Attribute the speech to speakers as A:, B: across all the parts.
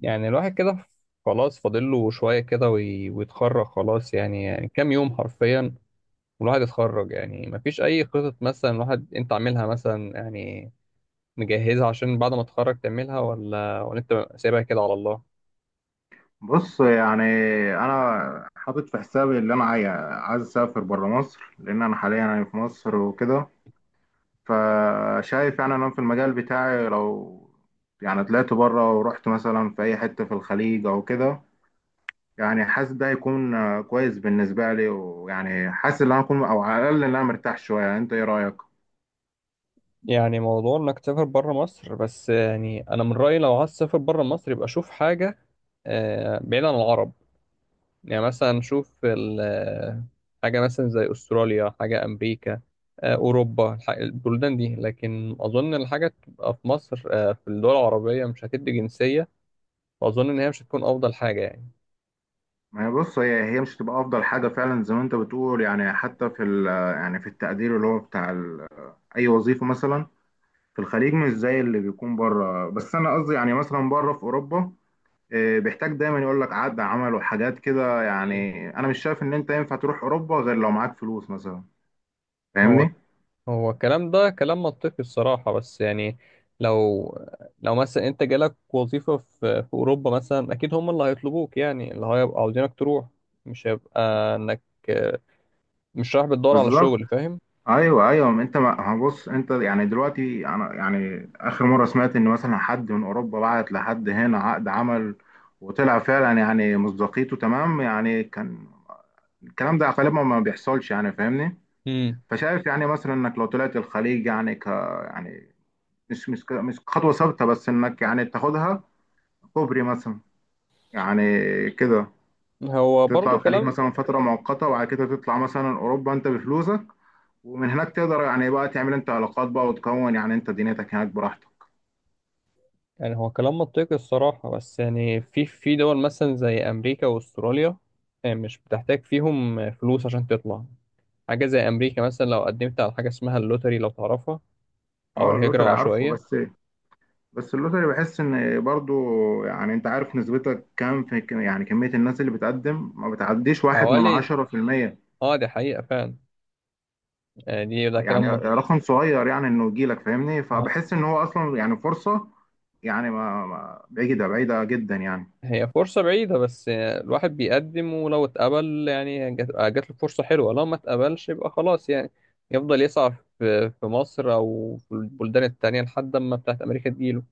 A: يعني الواحد كده، خلاص فاضل له شوية كده ويتخرج خلاص يعني, يعني كام يوم حرفيا. والواحد يتخرج، يعني مفيش أي خطط مثلا الواحد أنت عاملها مثلا يعني مجهزها عشان بعد ما تتخرج تعملها ولا أنت سايبها كده على الله؟
B: بص، يعني انا حاطط في حسابي اللي انا عايز اسافر بره مصر، لان انا حاليا يعني في مصر وكده. فشايف يعني انا في المجال بتاعي، لو يعني طلعت بره ورحت مثلا في اي حته في الخليج او كده، يعني حاسس ده هيكون كويس بالنسبه لي، ويعني حاسس ان انا اكون او على الاقل ان انا مرتاح شويه. يعني انت ايه رايك؟
A: يعني موضوع إنك تسافر بره مصر، بس يعني أنا من رأيي لو عايز تسافر بره مصر يبقى شوف حاجة بعيد عن العرب. يعني مثلا نشوف حاجة مثلا زي أستراليا، حاجة أمريكا، أوروبا، البلدان دي. لكن أظن الحاجة تبقى في مصر، في الدول العربية مش هتدي جنسية. وأظن إن هي مش هتكون أفضل حاجة يعني.
B: ما هي، بص، هي مش هتبقى افضل حاجه فعلا زي ما انت بتقول، يعني حتى في يعني في التقدير اللي هو بتاع اي وظيفه مثلا في الخليج مش زي اللي بيكون بره. بس انا قصدي يعني مثلا بره في اوروبا، بيحتاج دايما يقول لك عقد عمل وحاجات كده.
A: مم.
B: يعني انا مش شايف ان انت ينفع تروح اوروبا غير لو معاك فلوس مثلا،
A: هو
B: فاهمني؟
A: هو الكلام ده كلام منطقي الصراحة، بس يعني لو لو مثلا أنت جالك وظيفة في أوروبا مثلا، أكيد هم اللي هيطلبوك، يعني اللي هيبقى عاوزينك تروح. مش هيبقى إنك آه، مش رايح بتدور على
B: بالظبط.
A: شغل، فاهم؟
B: ايوه ايوه، ما انت، ما بص انت، يعني دلوقتي انا يعني اخر مره سمعت ان مثلا حد من اوروبا بعت لحد هنا عقد عمل وطلع فعلا يعني مصداقيته تمام. يعني كان الكلام ده غالبا ما بيحصلش، يعني فاهمني.
A: مم.
B: فشايف يعني مثلا انك لو طلعت الخليج، يعني يعني، مش خطوة ثابتة، بس إنك يعني تاخدها كوبري مثلا، يعني كده.
A: هو
B: تطلع
A: برضو
B: الخليج
A: كلام.
B: مثلا فترة مؤقتة، وبعد كده تطلع مثلا أوروبا أنت بفلوسك. ومن هناك تقدر يعني بقى تعمل أنت علاقات بقى، وتكون يعني أنت دنيتك هناك براحتك.
A: يعني هو كلام منطقي الصراحة، بس يعني في دول مثلا زي أمريكا وأستراليا، مش بتحتاج فيهم فلوس عشان تطلع. حاجة زي أمريكا مثلا، لو قدمت على حاجة اسمها اللوتري لو تعرفها، أو
B: أه،
A: الهجرة
B: اللوتري عارفه،
A: العشوائية.
B: بس اللوتري بحس إن برضو، يعني أنت عارف نسبتك كام في، يعني كمية الناس اللي بتقدم ما بتعديش واحد من
A: حوالي،
B: 10%.
A: اه دي حقيقة فعلا. يعني دي ده
B: يعني
A: كلام منطقي.
B: رقم صغير، يعني انه يجي لك، فاهمني؟
A: ها-
B: فبحس ان هو اصلا يعني فرصه، يعني بعيده بعيده جدا يعني.
A: هي فرصة بعيدة، بس الواحد بيقدم، ولو اتقبل يعني جات له فرصة حلوة، لو ما اتقبلش يبقى خلاص يعني يفضل يسعى في مصر أو في البلدان التانية لحد ما بتاعت أمريكا تجيله.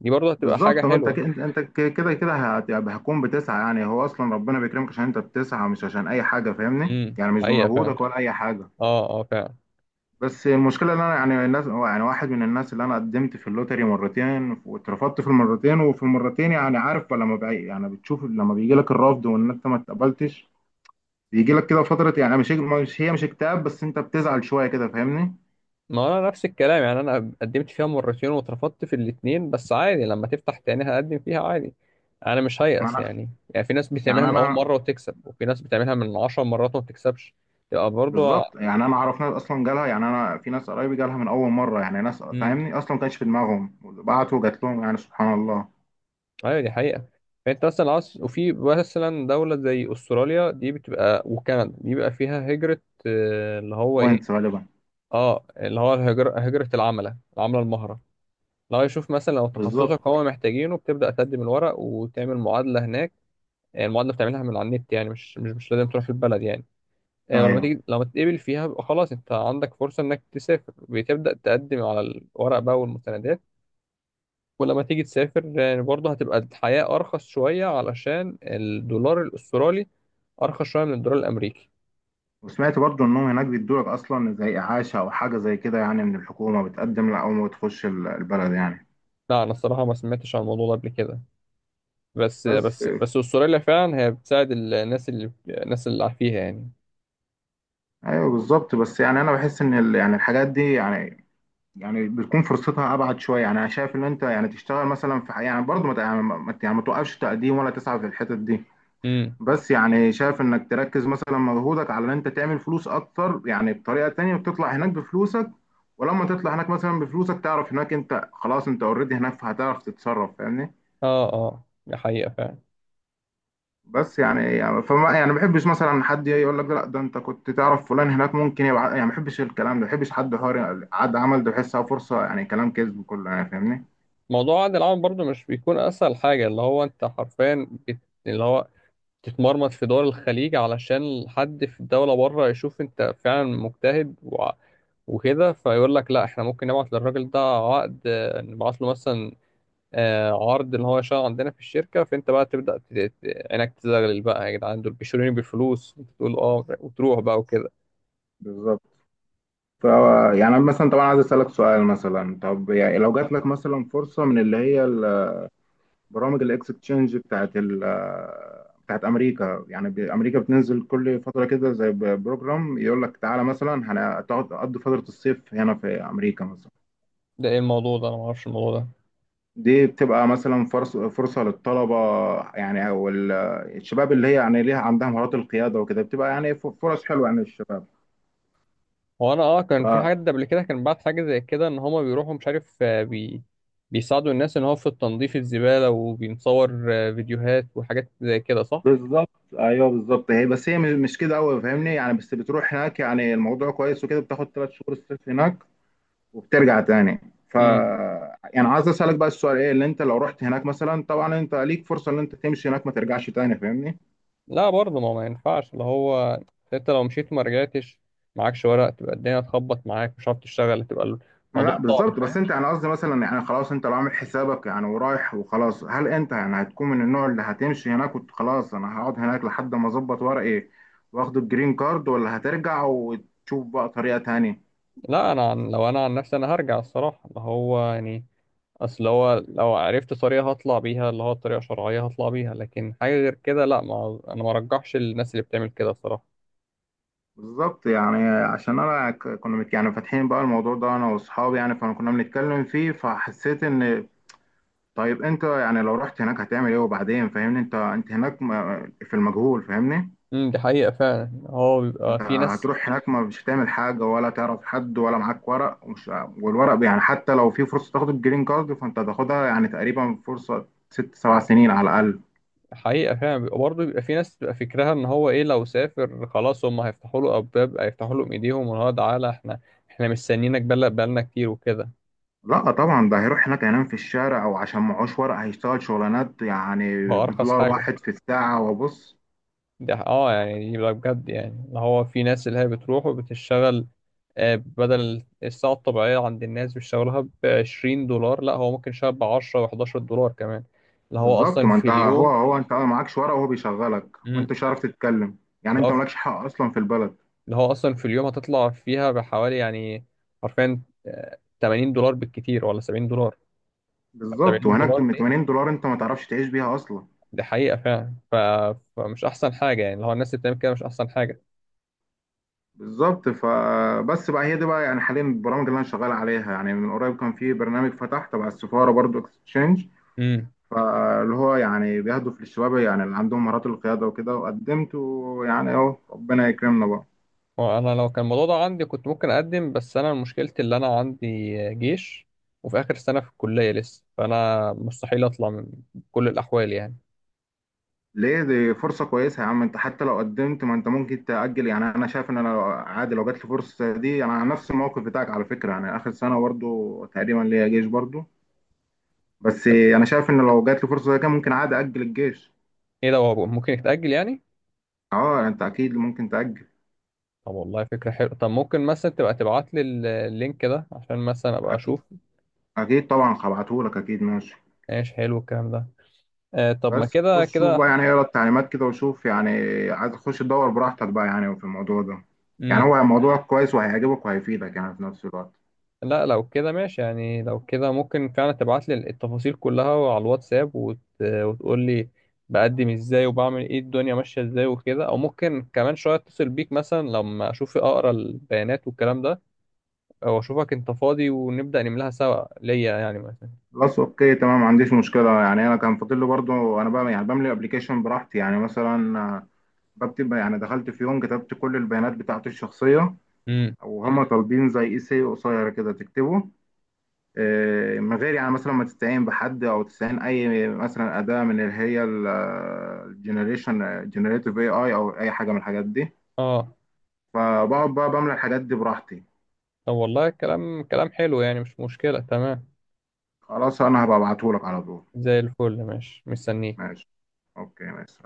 A: دي برضه هتبقى حاجة
B: بالظبط، ما انت
A: حلوة.
B: انت كده كده هتكون بتسعى. يعني هو اصلا ربنا بيكرمك عشان انت بتسعى، مش عشان اي حاجه، فاهمني؟
A: امم،
B: يعني مش
A: حقيقة فعلا.
B: بمجهودك ولا اي حاجه.
A: اه، اه فعلا.
B: بس المشكله ان انا، يعني الناس، يعني واحد من الناس اللي انا قدمت في اللوتري مرتين واترفضت في المرتين. وفي المرتين يعني عارف، لما بقى يعني بتشوف لما بيجي لك الرفض وان انت ما اتقبلتش، بيجي لك كده فترة، يعني مش مش هي مش اكتئاب، بس انت بتزعل شوية كده، فاهمني؟
A: ما انا نفس الكلام، يعني انا قدمت فيها مرتين واترفضت في الاتنين، بس عادي لما تفتح تاني هقدم فيها عادي. انا مش
B: يعني
A: هيأس
B: انا
A: يعني، يعني في ناس بتعملها
B: يعني
A: من اول
B: انا
A: مرة وتكسب، وفي ناس بتعملها من 10 مرات وما بتكسبش. تبقى برضو.
B: بالظبط، يعني انا اعرف ناس اصلا جالها، يعني انا في ناس قرايبي جالها من اول مرة. يعني ناس،
A: امم،
B: فاهمني، اصلا ما كانش في دماغهم، بعتوا جات لهم، يعني سبحان الله.
A: ايوه دي حقيقة. فانت مثلا عاوز، وفي مثلا دولة زي استراليا دي بتبقى، وكندا دي بيبقى فيها هجرة اللي هو ايه،
B: بوينتس غالبا.
A: اه اللي هو الهجرة، هجرة العملة العملة المهرة. لو يشوف مثلا لو
B: بالظبط.
A: تخصصك هو محتاجينه، بتبدأ تقدم الورق وتعمل معادلة هناك. المعادلة بتعملها من على النت، يعني مش لازم تروح البلد يعني. ولما
B: ايوه،
A: تيجي لما تتقبل فيها بيبقى خلاص انت عندك فرصة انك تسافر، بتبدأ تقدم على الورق بقى والمستندات. ولما تيجي تسافر برضه هتبقى الحياة أرخص شوية علشان الدولار الأسترالي أرخص شوية من الدولار الأمريكي.
B: وسمعت برضو انهم هناك بيدوا لك اصلا زي اعاشة او حاجة زي كده، يعني من الحكومة بتقدم لها اول ما بتخش البلد يعني.
A: لا أنا الصراحة ما سمعتش عن الموضوع ده قبل كده. بس
B: بس،
A: بس بس أستراليا فعلا هي بتساعد الناس اللي فيها يعني.
B: ايوه بالظبط، بس يعني انا بحس ان يعني الحاجات دي، يعني بتكون فرصتها ابعد شويه. يعني انا شايف ان انت يعني تشتغل مثلا في حاجه، يعني برضه ما ت- يعني ما يعني ما توقفش تقديم ولا تسعى في الحتت دي.
A: مم.
B: بس يعني شايف انك تركز مثلا مجهودك على ان انت تعمل فلوس اكتر، يعني بطريقه تانية وتطلع هناك بفلوسك. ولما تطلع هناك مثلا بفلوسك، تعرف هناك انت خلاص، انت اوريدي هناك، فهتعرف تتصرف، فاهمني؟
A: اه، اه دي حقيقة فعلا.
B: بس يعني يعني فما يعني ما بحبش مثلا حد يجي يقول لك لا ده انت كنت تعرف فلان هناك ممكن يبقى، يعني ما بحبش الكلام ده. ما بحبش حد، حوار عد عمل ده بحسها فرصه، يعني كلام كذب كله، يعني فاهمني.
A: موضوع عقد العمل برضو مش بيكون اسهل حاجة، اللي هو انت حرفيا اللي هو تتمرمط في دول الخليج علشان حد في الدولة بره يشوف انت فعلا مجتهد وكده فيقول لك لا احنا ممكن نبعت للراجل ده عقد، نبعت له مثلا عرض ان هو يشتغل عندنا في الشركة، فانت بقى تبدأ عينك تزغلل بقى يا جدعان، دول بيشتروني بالفلوس، انت تقول اه وتروح بقى وكده.
B: بالظبط. ف يعني أنا مثلا طبعا عايز أسألك سؤال مثلا. طب يعني لو جات لك مثلا فرصة من اللي هي برامج الاكسشينج بتاعت أمريكا، يعني أمريكا بتنزل كل فترة كده زي بروجرام، يقول لك تعالى مثلا هتقعد تقضي فترة الصيف هنا في أمريكا مثلا.
A: ده ايه الموضوع ده؟ انا ما اعرفش الموضوع ده.
B: دي بتبقى مثلا فرصة للطلبة، يعني أو الشباب اللي هي يعني ليها، عندها مهارات القيادة وكده، بتبقى يعني فرص حلوة يعني للشباب.
A: هو انا اه كان في حد قبل كده كان بعت حاجه زي كده، ان هما بيروحوا مش عارف آه، بي بيساعدوا الناس، ان هو في التنظيف الزباله، وبينصور فيديوهات وحاجات زي كده، صح.
B: بالظبط، ايوه بالظبط. هي بس هي مش كده قوي، فاهمني؟ يعني بس بتروح هناك، يعني الموضوع كويس وكده، بتاخد 3 شهور الصيف هناك وبترجع تاني. ف
A: امم.
B: يعني عايز اسالك بقى السؤال، ايه اللي انت لو رحت هناك مثلا؟ طبعا انت ليك فرصه ان انت تمشي هناك ما ترجعش تاني، فاهمني؟
A: لا برضه ما ينفعش. اللي هو انت لو مشيت ما رجعتش، معكش ورق، تبقى الدنيا تخبط معاك، مش عارف تشتغل، تبقى
B: ما
A: الموضوع
B: لا،
A: صعب،
B: بالظبط، بس
A: فاهم.
B: انت يعني قصدي مثلا، يعني خلاص انت لو عامل حسابك يعني ورايح وخلاص، هل انت يعني هتكون من النوع اللي هتمشي هناك وخلاص انا هقعد هناك لحد ما اظبط ورقي واخد الجرين كارد، ولا هترجع وتشوف بقى طريقه تانية؟
A: لا، انا عن لو انا عن نفسي انا هرجع الصراحه، اللي هو يعني اصل هو لو عرفت طريقه هطلع بيها، اللي هو طريقه شرعيه هطلع بيها، لكن حاجه غير كده لا، ما انا ما ارجحش الناس اللي بتعمل كده الصراحه.
B: بالظبط، يعني عشان انا كنا يعني فاتحين بقى الموضوع ده انا واصحابي، يعني فانا كنا بنتكلم فيه، فحسيت ان طيب انت يعني لو رحت هناك هتعمل ايه وبعدين، فاهمني؟ انت هناك في المجهول، فاهمني؟
A: امم، دي حقيقة فعلا. هو بيبقى
B: انت
A: في ناس.
B: هتروح هناك ما مش هتعمل حاجه ولا تعرف حد ولا معاك ورق ومش، والورق يعني حتى لو في فرصه تاخد الجرين كارد فانت هتاخدها يعني تقريبا فرصه ست سبع سنين على الاقل.
A: حقيقة فعلا بيبقى، برضه بيبقى في ناس بتبقى فكرها ان هو ايه لو سافر خلاص هم هيفتحوا له ابواب، هيفتحوا له ايديهم، وان هو تعالى احنا، احنا مستنيينك بقالنا كتير وكده.
B: لا طبعا ده هيروح هناك هينام في الشارع، او عشان معهوش ورق هيشتغل شغلانات يعني
A: بأرخص
B: بدولار
A: حاجة.
B: واحد في الساعه، وبص.
A: ده اه يعني دي بقى بجد، يعني اللي هو في ناس اللي هي بتروح وبتشتغل بدل الساعة الطبيعية عند الناس بيشتغلها بـ20 دولار، لا هو ممكن يشتغل بـ10 و11 دولار كمان. اللي هو
B: بالظبط،
A: أصلا
B: ما
A: في
B: انت، هو
A: اليوم.
B: هو انت ما معكش ورقه وهو بيشغلك
A: مم.
B: وانت مش عارف تتكلم، يعني انت مالكش حق اصلا في البلد.
A: اللي هو اصلا في اليوم هتطلع فيها بحوالي يعني حرفيا 80 دولار بالكتير ولا 70 دولار
B: بالظبط،
A: 70
B: وهناك
A: دولار
B: ب
A: دي
B: $80 انت ما تعرفش تعيش بيها اصلا.
A: دي حقيقة فعلا فمش احسن حاجة يعني، اللي هو الناس اللي بتعمل كده مش احسن حاجة.
B: بالظبط، فبس بقى، هي دي بقى يعني حاليا البرامج اللي انا شغال عليها. يعني من قريب كان في برنامج فتح تبع السفاره برضو، اكستشينج،
A: امم.
B: فاللي هو يعني بيهدف للشباب، يعني اللي عندهم مهارات القياده وكده، وقدمت، ويعني اهو ربنا يكرمنا بقى.
A: وانا لو كان الموضوع ده عندي كنت ممكن اقدم، بس انا مشكلتي اللي انا عندي جيش وفي اخر سنة في الكلية لسه، فانا مستحيل اطلع من كل الاحوال يعني.
B: ليه؟ دي فرصة كويسة يا عم انت. حتى لو قدمت، ما انت ممكن تأجل. يعني انا شايف ان انا عادي، لو جات لي فرصة دي، انا على نفس الموقف بتاعك على فكرة، يعني اخر سنة برضو تقريبا ليا جيش برضو. بس
A: طب
B: انا شايف ان لو جات لي فرصة زي كده، ممكن عادي أأجل الجيش.
A: ايه ده؟ هو ممكن يتأجل يعني؟
B: اه، يعني انت اكيد ممكن تأجل.
A: طب والله فكرة حلوة. طب ممكن مثلا تبقى تبعت لي اللينك ده عشان مثلا ابقى اشوف.
B: اكيد. اكيد طبعا هبعتهولك، اكيد، ماشي.
A: ايش حلو الكلام ده. آه، طب ما
B: بس
A: كده
B: خش شوف بقى،
A: كده.
B: يعني اقرا التعليمات كده وشوف يعني. عايز تخش تدور براحتك بقى يعني في الموضوع ده. يعني
A: امم.
B: هو موضوع كويس، وهيعجبك وهيفيدك يعني في نفس الوقت.
A: لا لو كده ماشي يعني، لو كده ممكن فعلا تبعت لي التفاصيل كلها على الواتساب، وتقول لي بقدم ازاي وبعمل ايه، الدنيا ماشية ازاي وكده، او ممكن كمان شوية اتصل بيك مثلا لما اشوف اقرا البيانات والكلام ده، او اشوفك انت فاضي ونبدأ نملاها سوا ليا يعني مثلا.
B: خلاص اوكي، تمام، ما عنديش مشكله. يعني انا كان فاضل لي برضو انا بقى يعني بملي ابلكيشن براحتي، يعني مثلا بكتب يعني. دخلت في يوم كتبت كل البيانات بتاعتي الشخصيه،
A: امم،
B: وهم طالبين زي اي سي قصير كده تكتبه، من غير يعني مثلا ما تستعين بحد او تستعين اي مثلا اداه من اللي هي الجنريشن جنريتيف AI، او اي حاجه من الحاجات دي.
A: اه
B: فبقعد بقى بملى الحاجات دي براحتي.
A: طب والله كلام كلام حلو يعني، مش مشكلة، تمام.
B: خلاص انا هبقى ابعتهولك على طول.
A: زي الفل، ماشي، مستنيك.
B: ماشي، اوكي، ماشي.